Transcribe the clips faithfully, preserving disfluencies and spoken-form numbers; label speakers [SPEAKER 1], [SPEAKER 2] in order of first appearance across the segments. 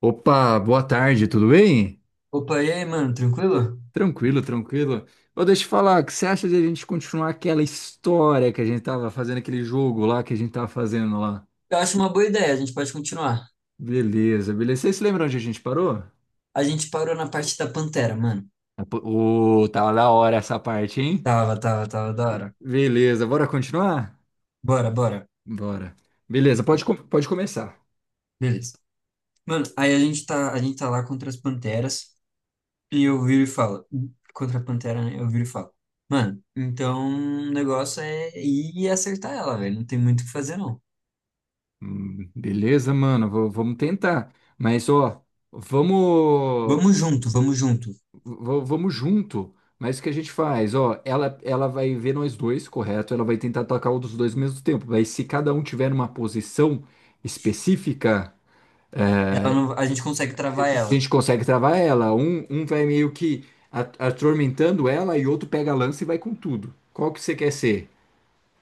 [SPEAKER 1] Opa, boa tarde, tudo bem?
[SPEAKER 2] Opa, e aí, mano, tranquilo?
[SPEAKER 1] Tranquilo, tranquilo. Ô, deixa eu falar, o que você acha de a gente continuar aquela história que a gente tava fazendo, aquele jogo lá que a gente tava fazendo lá?
[SPEAKER 2] Eu acho uma boa ideia, a gente pode continuar.
[SPEAKER 1] Beleza, beleza. Vocês se lembram onde a gente parou?
[SPEAKER 2] A gente parou na parte da Pantera, mano.
[SPEAKER 1] Ah, pô. Ô, tava da hora essa parte, hein?
[SPEAKER 2] Tava, tava, tava da hora.
[SPEAKER 1] Beleza, bora continuar?
[SPEAKER 2] Bora, bora.
[SPEAKER 1] Bora. Beleza, pode, com- pode começar.
[SPEAKER 2] Beleza. Mano, aí a gente tá, a gente tá lá contra as Panteras e eu viro e falo. Contra a Pantera, né? Eu viro e falo. Mano, então o negócio é ir acertar ela, velho. Não tem muito o que fazer, não.
[SPEAKER 1] Hum, beleza, mano, v- vamos tentar. Mas, ó, vamos.
[SPEAKER 2] Vamos junto, vamos junto.
[SPEAKER 1] v- vamos junto. Mas o que a gente faz? Ó, ela, ela vai ver nós dois, correto? Ela vai tentar atacar um dos dois ao mesmo tempo. Mas se cada um tiver numa posição específica,
[SPEAKER 2] Ela não- A gente consegue travar
[SPEAKER 1] a
[SPEAKER 2] ela.
[SPEAKER 1] gente consegue travar ela. Um, um vai meio que a- atormentando ela e outro pega a lança e vai com tudo. Qual que você quer ser?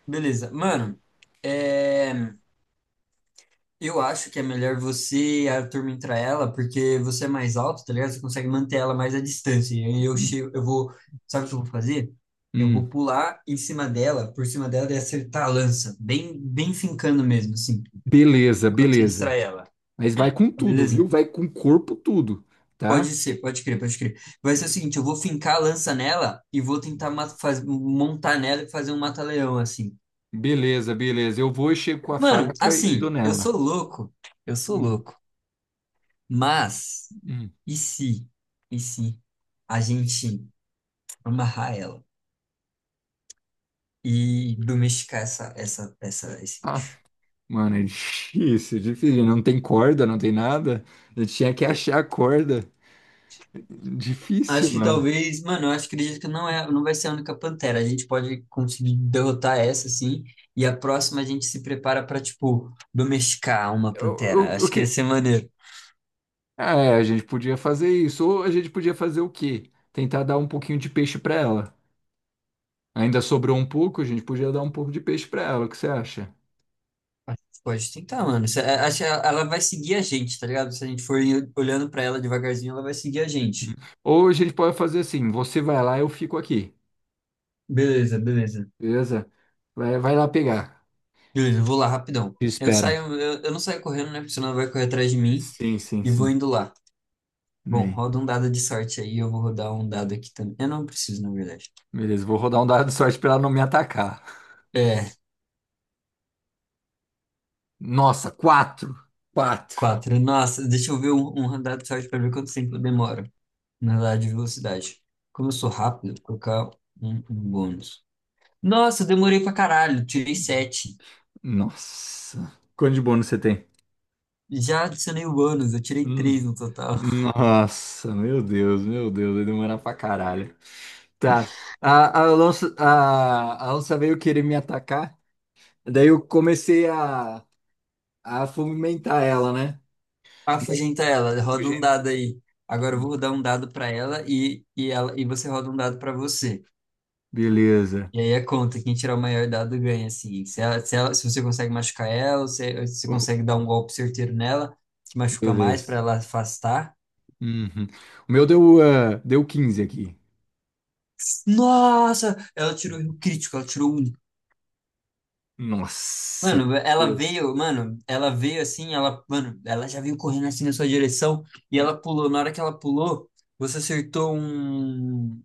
[SPEAKER 2] Beleza. Mano, é. Eu acho que é melhor você atormentar ela, porque você é mais alto, tá ligado? Você consegue manter ela mais à distância. E eu chego, eu vou, sabe o que eu vou fazer? Eu vou
[SPEAKER 1] Hum,
[SPEAKER 2] pular em cima dela, por cima dela e acertar a lança, bem, bem fincando mesmo, assim,
[SPEAKER 1] beleza,
[SPEAKER 2] quando você
[SPEAKER 1] beleza.
[SPEAKER 2] distrai ela.
[SPEAKER 1] Mas vai com tudo, viu?
[SPEAKER 2] Beleza?
[SPEAKER 1] Vai com o corpo tudo,
[SPEAKER 2] Pode
[SPEAKER 1] tá?
[SPEAKER 2] ser, pode crer, pode crer. Vai ser o seguinte, eu vou fincar a lança nela e vou tentar ma- faz- montar nela e fazer um mata-leão, assim.
[SPEAKER 1] Beleza, beleza. Eu vou e chego com a
[SPEAKER 2] Mano,
[SPEAKER 1] faca e dou
[SPEAKER 2] assim, eu
[SPEAKER 1] nela.
[SPEAKER 2] sou louco, eu sou
[SPEAKER 1] Hum,
[SPEAKER 2] louco, mas
[SPEAKER 1] hum.
[SPEAKER 2] E se, e se a gente amarrar ela e domesticar essa, essa, essa, esse...
[SPEAKER 1] Ah, mano, é difícil, difícil. Não tem corda, não tem nada. Eu tinha que achar a corda. Difícil,
[SPEAKER 2] Acho que
[SPEAKER 1] mano.
[SPEAKER 2] talvez, mano, eu acho que acredito que não é, não vai ser a única pantera. A gente pode conseguir derrotar essa, assim, e a próxima a gente se prepara pra, tipo, domesticar uma
[SPEAKER 1] Eu-
[SPEAKER 2] pantera.
[SPEAKER 1] eu- O
[SPEAKER 2] Acho que ia
[SPEAKER 1] que?
[SPEAKER 2] ser maneiro.
[SPEAKER 1] É, a gente podia fazer isso. Ou a gente podia fazer o quê? Tentar dar um pouquinho de peixe pra ela. Ainda sobrou um pouco, a gente podia dar um pouco de peixe pra ela. O que você acha?
[SPEAKER 2] Acho que pode tentar, mano. Se- é, acho que ela ela vai seguir a gente, tá ligado? Se a gente for olhando pra ela devagarzinho, ela vai seguir a
[SPEAKER 1] Hum.
[SPEAKER 2] gente.
[SPEAKER 1] Ou a gente pode fazer assim: você vai lá, eu fico aqui.
[SPEAKER 2] Beleza, beleza.
[SPEAKER 1] Beleza? Vai, vai lá pegar.
[SPEAKER 2] Beleza, vou lá rapidão.
[SPEAKER 1] Te
[SPEAKER 2] Eu
[SPEAKER 1] espero.
[SPEAKER 2] saio, eu, eu não saio correndo, né? Porque senão vai correr atrás de mim
[SPEAKER 1] Sim, sim,
[SPEAKER 2] e vou
[SPEAKER 1] sim.
[SPEAKER 2] indo lá. Bom,
[SPEAKER 1] Bem,
[SPEAKER 2] roda um dado de sorte aí, eu vou rodar um dado aqui também. Eu não preciso, na verdade.
[SPEAKER 1] beleza, vou rodar um dado de sorte pra ela não me atacar.
[SPEAKER 2] É,
[SPEAKER 1] Nossa, quatro. Quatro.
[SPEAKER 2] quatro. Nossa, deixa eu ver um, um dado de sorte para ver quanto tempo demora. Na dado de velocidade. Como eu sou rápido, vou colocar um, um bônus. Nossa, eu demorei pra caralho, tirei sete.
[SPEAKER 1] Nossa. Quanto de bônus você tem?
[SPEAKER 2] Já adicionei o bônus, eu tirei
[SPEAKER 1] Hum.
[SPEAKER 2] três no total.
[SPEAKER 1] Nossa, meu Deus, meu Deus, vai demorar pra caralho. Tá. A, a, onça, a, a onça veio querer me atacar. Daí eu comecei a, a fomentar ela, né? Daí
[SPEAKER 2] Afugentar ela.
[SPEAKER 1] o
[SPEAKER 2] Roda um
[SPEAKER 1] gen-
[SPEAKER 2] dado aí. Agora eu vou rodar um dado pra ela e, e, ela, e você roda um dado pra você.
[SPEAKER 1] Beleza.
[SPEAKER 2] E aí é conta, quem tirar o maior dado ganha, assim. Se ela, se ela, se você consegue machucar ela, ou se se você
[SPEAKER 1] O-
[SPEAKER 2] consegue dar um golpe certeiro nela, que machuca mais
[SPEAKER 1] Beleza.
[SPEAKER 2] pra ela afastar.
[SPEAKER 1] Uhum. O meu deu, ah, deu quinze aqui.
[SPEAKER 2] Nossa! Ela tirou um crítico, ela tirou um.
[SPEAKER 1] Nossa,
[SPEAKER 2] Mano,
[SPEAKER 1] meu
[SPEAKER 2] ela
[SPEAKER 1] Deus.
[SPEAKER 2] veio, mano, ela veio assim, ela, mano, ela já veio correndo assim na sua direção e ela pulou. Na hora que ela pulou, você acertou um.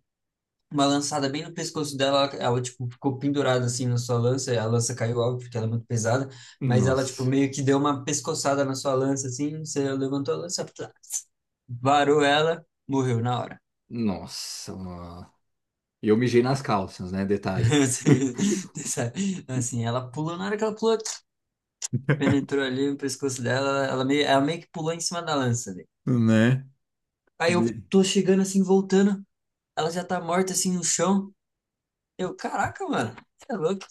[SPEAKER 2] uma lançada bem no pescoço dela, ela, ela, tipo, ficou pendurada, assim, na sua lança, e a lança caiu, óbvio, porque ela é muito pesada, mas ela, tipo,
[SPEAKER 1] Nossa.
[SPEAKER 2] meio que deu uma pescoçada na sua lança, assim, você levantou a lança, plá, varou ela, morreu na hora.
[SPEAKER 1] Nossa, nossa. E eu mijei nas calças, né? Detalhe.
[SPEAKER 2] Sabe? Assim, ela pulou, na hora que ela pulou, penetrou ali no pescoço dela, ela meio, ela meio que pulou em cima da lança, né?
[SPEAKER 1] Né?
[SPEAKER 2] Aí eu
[SPEAKER 1] De-
[SPEAKER 2] tô chegando, assim, voltando, ela já tá morta, assim, no chão, eu, caraca, mano, você é louco,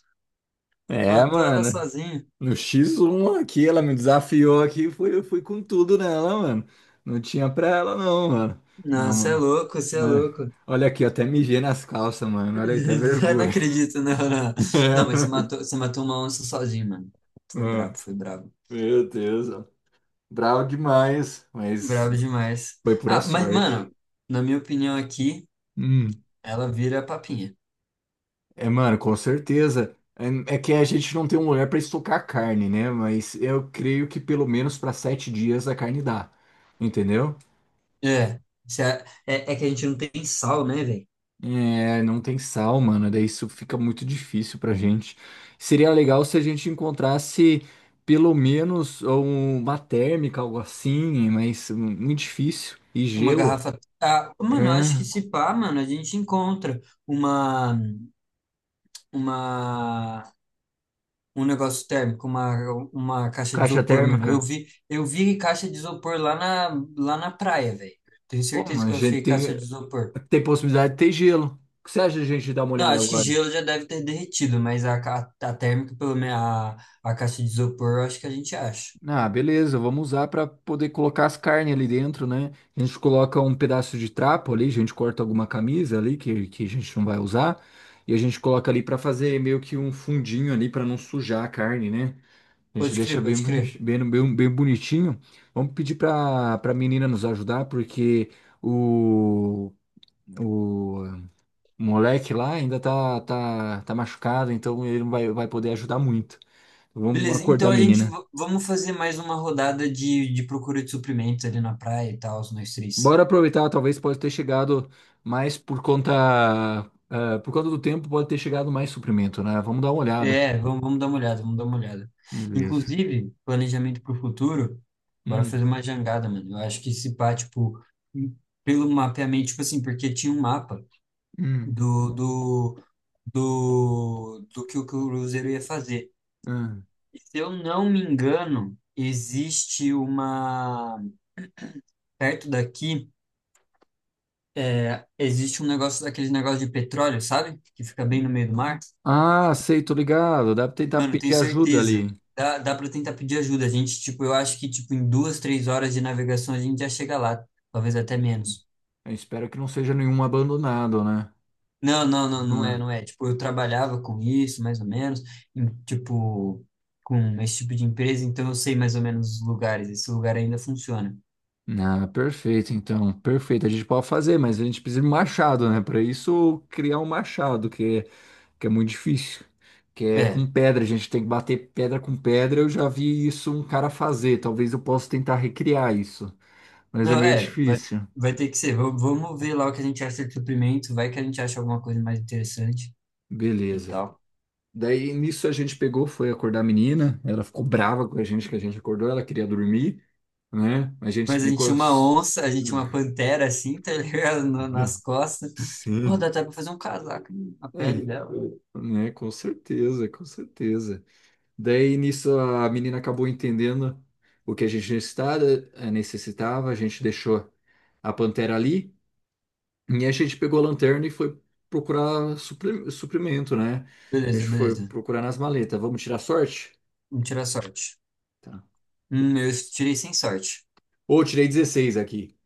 [SPEAKER 1] É,
[SPEAKER 2] matou ela
[SPEAKER 1] mano.
[SPEAKER 2] sozinho.
[SPEAKER 1] No xis um aqui, ela me desafiou aqui, fui, eu fui com tudo nela, mano. Não tinha pra ela, não, mano.
[SPEAKER 2] Não,
[SPEAKER 1] Não,
[SPEAKER 2] você é
[SPEAKER 1] mano.
[SPEAKER 2] louco, você é
[SPEAKER 1] Né?
[SPEAKER 2] louco.
[SPEAKER 1] Olha aqui, eu até mijei nas calças, mano. Olha aí, até
[SPEAKER 2] Eu não
[SPEAKER 1] vergonha.
[SPEAKER 2] acredito, não, não. Não, mas você matou, você matou uma onça sozinho, mano. Foi
[SPEAKER 1] Ah,
[SPEAKER 2] brabo, foi brabo.
[SPEAKER 1] meu Deus, ó. Bravo demais, mas
[SPEAKER 2] Brabo demais.
[SPEAKER 1] foi pura
[SPEAKER 2] Ah, mas,
[SPEAKER 1] sorte.
[SPEAKER 2] mano, na minha opinião aqui,
[SPEAKER 1] Hum.
[SPEAKER 2] ela vira papinha.
[SPEAKER 1] É, mano, com certeza. É é que a gente não tem um lugar para estocar carne, né? Mas eu creio que pelo menos para sete dias a carne dá, entendeu?
[SPEAKER 2] É, se a- é, é que a gente não tem sal, né, velho?
[SPEAKER 1] É, não tem sal, mano. Daí isso fica muito difícil pra gente. Seria legal se a gente encontrasse pelo menos um- uma térmica, algo assim, mas hum, muito difícil. E
[SPEAKER 2] Uma
[SPEAKER 1] gelo.
[SPEAKER 2] garrafa. Ah,
[SPEAKER 1] É,
[SPEAKER 2] mano, eu acho que se pá, mano, a gente encontra uma, uma, um negócio térmico, uma, uma caixa de
[SPEAKER 1] caixa
[SPEAKER 2] isopor, mano.
[SPEAKER 1] térmica.
[SPEAKER 2] Eu vi, eu vi caixa de isopor lá na, lá na praia, velho. Tenho
[SPEAKER 1] Ô,
[SPEAKER 2] certeza
[SPEAKER 1] mas a
[SPEAKER 2] que eu
[SPEAKER 1] gente
[SPEAKER 2] achei caixa
[SPEAKER 1] tem,
[SPEAKER 2] de isopor.
[SPEAKER 1] tem possibilidade de ter gelo. O que você acha de a gente dar uma
[SPEAKER 2] Não,
[SPEAKER 1] olhada
[SPEAKER 2] acho que
[SPEAKER 1] agora?
[SPEAKER 2] gelo já deve ter derretido, mas a, ca- a, térmica, pelo menos a, a caixa de isopor, eu acho que a gente acha.
[SPEAKER 1] Ah, beleza, vamos usar para poder colocar as carnes ali dentro, né? A gente coloca um pedaço de trapo ali, a gente corta alguma camisa ali que, que a gente não vai usar, e a gente coloca ali para fazer meio que um fundinho ali para não sujar a carne, né? A gente
[SPEAKER 2] Pode
[SPEAKER 1] deixa
[SPEAKER 2] crer,
[SPEAKER 1] bem,
[SPEAKER 2] pode crer.
[SPEAKER 1] boni- bem, bem, bem bonitinho. Vamos pedir para para menina nos ajudar, porque o, o moleque lá ainda tá, tá, tá machucado, então ele não vai, vai poder ajudar muito. Vamos
[SPEAKER 2] Beleza,
[SPEAKER 1] acordar
[SPEAKER 2] então
[SPEAKER 1] a
[SPEAKER 2] a gente
[SPEAKER 1] menina.
[SPEAKER 2] v- vamos fazer mais uma rodada de, de procura de suprimentos ali na praia e tal, nós três.
[SPEAKER 1] Bora aproveitar, talvez pode ter chegado mais por conta, ah, por conta do tempo, pode ter chegado mais suprimento, né? Vamos dar uma olhada.
[SPEAKER 2] É, vamos, vamos dar uma olhada, vamos dar uma olhada.
[SPEAKER 1] Beleza.
[SPEAKER 2] Inclusive, planejamento para o futuro, bora
[SPEAKER 1] Hum,
[SPEAKER 2] fazer uma jangada, mano. Eu acho que esse pá, tipo, pelo mapeamento, tipo assim, porque tinha um mapa
[SPEAKER 1] hum,
[SPEAKER 2] do, do, do, do que o cruzeiro ia fazer.
[SPEAKER 1] hum.
[SPEAKER 2] Se eu não me engano, existe uma. Perto daqui, é, existe um negócio, aquele negócio de petróleo, sabe? Que fica bem no meio do mar.
[SPEAKER 1] Ah, sei, tô ligado. Dá pra tentar
[SPEAKER 2] Mano, eu tenho
[SPEAKER 1] pedir ajuda ali.
[SPEAKER 2] certeza. Dá, dá pra tentar pedir ajuda. A gente, tipo, eu acho que, tipo, em duas, três horas de navegação a gente já chega lá. Talvez até menos.
[SPEAKER 1] Eu espero que não seja nenhum abandonado, né?
[SPEAKER 2] Não, não, não, não é,
[SPEAKER 1] Hum.
[SPEAKER 2] não é. Tipo, eu trabalhava com isso, mais ou menos, em, tipo, com esse tipo de empresa, então eu sei mais ou menos os lugares. Esse lugar ainda funciona.
[SPEAKER 1] Ah, perfeito, então. Perfeito. A gente pode fazer, mas a gente precisa de um machado, né? Para isso, criar um machado, que que é muito difícil, que é
[SPEAKER 2] É,
[SPEAKER 1] com pedra, a gente tem que bater pedra com pedra. Eu já vi isso um cara fazer, talvez eu possa tentar recriar isso, mas é
[SPEAKER 2] não,
[SPEAKER 1] meio
[SPEAKER 2] é, vai,
[SPEAKER 1] difícil.
[SPEAKER 2] vai ter que ser. Vamos, vamos ver lá o que a gente acha de suprimento, vai que a gente acha alguma coisa mais interessante e
[SPEAKER 1] Beleza.
[SPEAKER 2] tal.
[SPEAKER 1] Daí nisso a gente pegou, foi acordar a menina, ela ficou brava com a gente que a gente acordou, ela queria dormir, né? A gente
[SPEAKER 2] Mas a gente
[SPEAKER 1] explicou.
[SPEAKER 2] tinha uma onça, a gente tinha uma pantera assim, tá ligado? Na- Nas costas. Ó,
[SPEAKER 1] Sim.
[SPEAKER 2] dá até pra fazer um casaco, hein? A pele
[SPEAKER 1] É,
[SPEAKER 2] dela.
[SPEAKER 1] né? Com certeza, com certeza. Daí nisso a menina acabou entendendo o que a gente necessitava, eh, necessitava, a gente deixou a pantera ali e a gente pegou a lanterna e foi procurar supri- suprimento, né? A gente
[SPEAKER 2] Beleza,
[SPEAKER 1] foi
[SPEAKER 2] beleza.
[SPEAKER 1] procurar nas maletas. Vamos tirar sorte?
[SPEAKER 2] Vamos tirar sorte.
[SPEAKER 1] Tá.
[SPEAKER 2] Hum, eu tirei sem sorte.
[SPEAKER 1] Ô, tirei dezesseis aqui.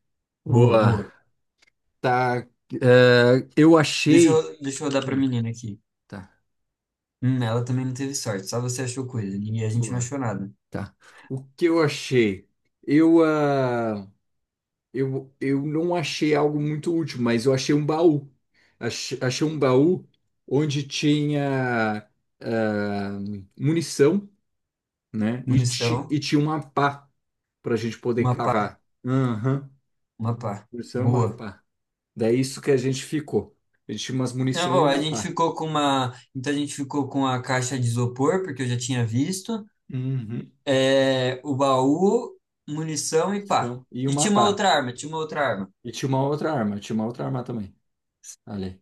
[SPEAKER 2] Boa,
[SPEAKER 1] Boa.
[SPEAKER 2] boa.
[SPEAKER 1] Tá. eh, eu
[SPEAKER 2] Deixa eu,
[SPEAKER 1] achei.
[SPEAKER 2] deixa eu dar pra
[SPEAKER 1] Hum,
[SPEAKER 2] menina aqui.
[SPEAKER 1] tá.
[SPEAKER 2] Hum, ela também não teve sorte, só você achou coisa. E a gente não
[SPEAKER 1] Boa.
[SPEAKER 2] achou nada.
[SPEAKER 1] Tá. O que eu achei? Eu. ah, Eu, eu não achei algo muito útil, mas eu achei um baú. Achei, achei um baú onde tinha ah, munição, né? E, ti-
[SPEAKER 2] Munição,
[SPEAKER 1] e tinha uma pá para a gente poder
[SPEAKER 2] uma pá,
[SPEAKER 1] cavar. Aham.
[SPEAKER 2] uma pá.
[SPEAKER 1] Munição e uma
[SPEAKER 2] Boa.
[SPEAKER 1] pá. Daí isso que a gente ficou. A gente tinha umas
[SPEAKER 2] Tá
[SPEAKER 1] munição e
[SPEAKER 2] bom, a
[SPEAKER 1] uma
[SPEAKER 2] gente
[SPEAKER 1] pá.
[SPEAKER 2] ficou com uma. Então a gente ficou com a caixa de isopor, porque eu já tinha visto.
[SPEAKER 1] Uhum.
[SPEAKER 2] É, o baú, munição e pá.
[SPEAKER 1] Então, e
[SPEAKER 2] E
[SPEAKER 1] uma
[SPEAKER 2] tinha uma
[SPEAKER 1] pá.
[SPEAKER 2] outra arma, tinha uma outra arma.
[SPEAKER 1] E tinha uma outra arma. Tinha uma outra arma também. Ali.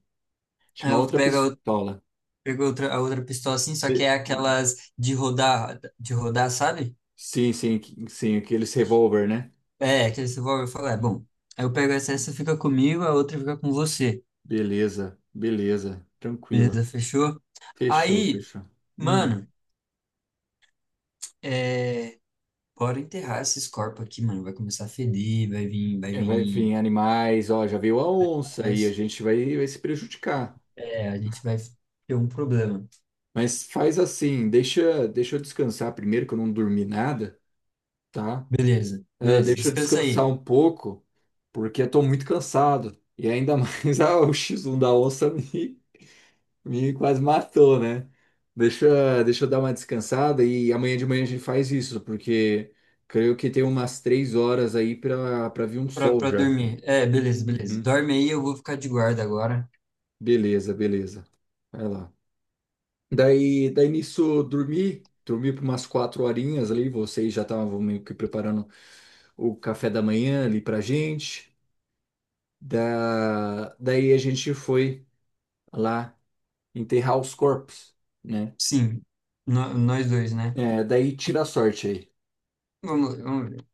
[SPEAKER 1] Tinha
[SPEAKER 2] Aí
[SPEAKER 1] uma
[SPEAKER 2] eu
[SPEAKER 1] outra
[SPEAKER 2] pego a, ou-
[SPEAKER 1] pistola.
[SPEAKER 2] pego a outra, a outra pistola assim, só que
[SPEAKER 1] E-
[SPEAKER 2] é aquelas de rodar, de rodar, sabe?
[SPEAKER 1] Sim, sim, sim, aqueles revólver, né?
[SPEAKER 2] É, aquele revólver, eu falo, é bom. Aí eu pego essa, essa fica comigo, a outra fica com você.
[SPEAKER 1] Beleza, beleza, tranquilo.
[SPEAKER 2] Beleza, fechou?
[SPEAKER 1] Fechou,
[SPEAKER 2] Aí,
[SPEAKER 1] fechou. Hum.
[SPEAKER 2] mano, é, bora enterrar esses corpos aqui, mano. Vai começar a feder, vai vir, vai
[SPEAKER 1] É, vai
[SPEAKER 2] vir.
[SPEAKER 1] vir animais, ó, já veio a onça e a gente vai, vai se prejudicar.
[SPEAKER 2] É, a gente vai ter um problema.
[SPEAKER 1] Mas faz assim, deixa, deixa eu descansar primeiro, que eu não dormi nada, tá?
[SPEAKER 2] Beleza,
[SPEAKER 1] Ah,
[SPEAKER 2] beleza.
[SPEAKER 1] deixa eu
[SPEAKER 2] Descansa
[SPEAKER 1] descansar
[SPEAKER 2] aí
[SPEAKER 1] um pouco, porque eu tô muito cansado. E ainda mais ah, o xis um da onça me, Me quase matou, né? Deixa, deixa eu dar uma descansada e amanhã de manhã a gente faz isso, porque creio que tem umas três horas aí para para vir um
[SPEAKER 2] pra,
[SPEAKER 1] sol
[SPEAKER 2] pra
[SPEAKER 1] já.
[SPEAKER 2] dormir. É, beleza, beleza.
[SPEAKER 1] Uhum.
[SPEAKER 2] Dorme aí, eu vou ficar de guarda agora.
[SPEAKER 1] Beleza, beleza. Vai lá. Daí, daí nisso, dormi, dormi por umas quatro horinhas ali, vocês já estavam meio que preparando o café da manhã ali pra gente. Da, daí a gente foi lá enterrar os corpos, né?
[SPEAKER 2] Sim, no- nós dois, né?
[SPEAKER 1] É, daí tira a sorte aí.
[SPEAKER 2] Vamos, vamos ver.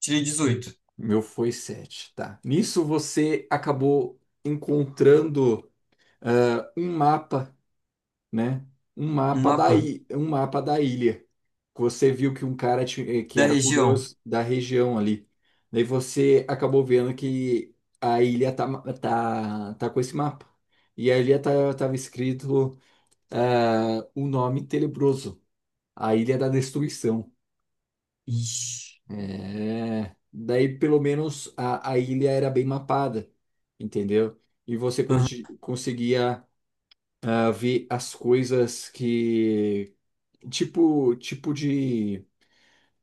[SPEAKER 2] Tirei dezoito.
[SPEAKER 1] Meu foi sete, tá. Nisso você acabou encontrando ah, um mapa, né? Um
[SPEAKER 2] Um
[SPEAKER 1] mapa da,
[SPEAKER 2] mapa
[SPEAKER 1] i- um mapa da ilha. Você viu que um cara ti- eh, que
[SPEAKER 2] da
[SPEAKER 1] era
[SPEAKER 2] região.
[SPEAKER 1] curioso da região ali. Daí você acabou vendo que a ilha tá, ma- tá, tá com esse mapa. E a ilha tá, tava escrito ah, o nome tenebroso, a Ilha da Destruição.
[SPEAKER 2] Ixi.
[SPEAKER 1] É, daí pelo menos a, a ilha era bem mapada, entendeu? E você
[SPEAKER 2] Aham.
[SPEAKER 1] conti- conseguia ah, ver as coisas que tipo tipo de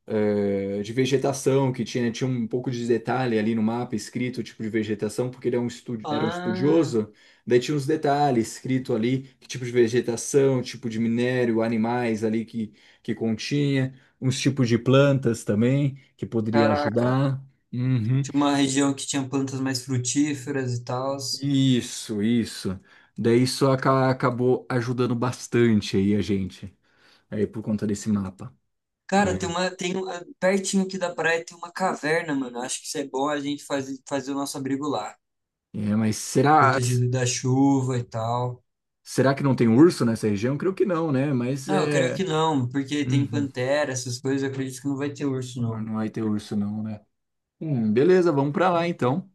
[SPEAKER 1] eh, de vegetação, que tinha, né, tinha um pouco de detalhe ali no mapa escrito, tipo de vegetação, porque ele é um estu- era um
[SPEAKER 2] Ah,
[SPEAKER 1] estudioso, daí tinha uns detalhes escrito ali, que tipo de vegetação, tipo de minério, animais ali que, que continha, uns tipos de plantas também, que poderia
[SPEAKER 2] caraca.
[SPEAKER 1] ajudar. Uhum.
[SPEAKER 2] Tinha uma região que tinha plantas mais frutíferas e tal.
[SPEAKER 1] Isso, isso. Daí isso aca- acabou ajudando bastante aí a gente, aí por conta desse mapa,
[SPEAKER 2] Cara, tem
[SPEAKER 1] né?
[SPEAKER 2] uma, tem uma, pertinho aqui da praia tem uma caverna, mano. Acho que isso é bom a gente fazer, fazer o nosso abrigo lá.
[SPEAKER 1] É, mas será?
[SPEAKER 2] Protegido da chuva e tal.
[SPEAKER 1] Será que não tem urso nessa região? Creio que não, né? Mas
[SPEAKER 2] Ah, eu creio
[SPEAKER 1] é.
[SPEAKER 2] que não, porque tem
[SPEAKER 1] Uhum.
[SPEAKER 2] pantera, essas coisas, eu acredito que não vai ter urso, não.
[SPEAKER 1] Não vai ter urso, não, né? Hum, beleza, vamos pra lá então.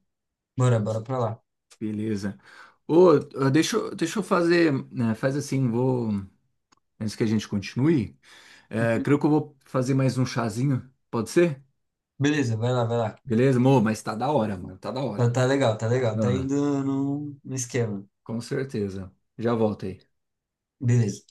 [SPEAKER 2] Bora, bora pra lá.
[SPEAKER 1] Beleza. Ô, ah, deixa, eu- deixa eu fazer. Né, faz assim, vou. Antes que a gente continue, é,
[SPEAKER 2] Uhum.
[SPEAKER 1] creio que eu vou fazer mais um chazinho. Pode ser?
[SPEAKER 2] Beleza, vai lá, vai lá.
[SPEAKER 1] Beleza, amor? Mas tá da hora, mano. Tá da
[SPEAKER 2] Tá,
[SPEAKER 1] hora.
[SPEAKER 2] tá legal, tá legal, tá
[SPEAKER 1] Ah,
[SPEAKER 2] indo no, no esquema.
[SPEAKER 1] com certeza. Já volto aí.
[SPEAKER 2] Beleza.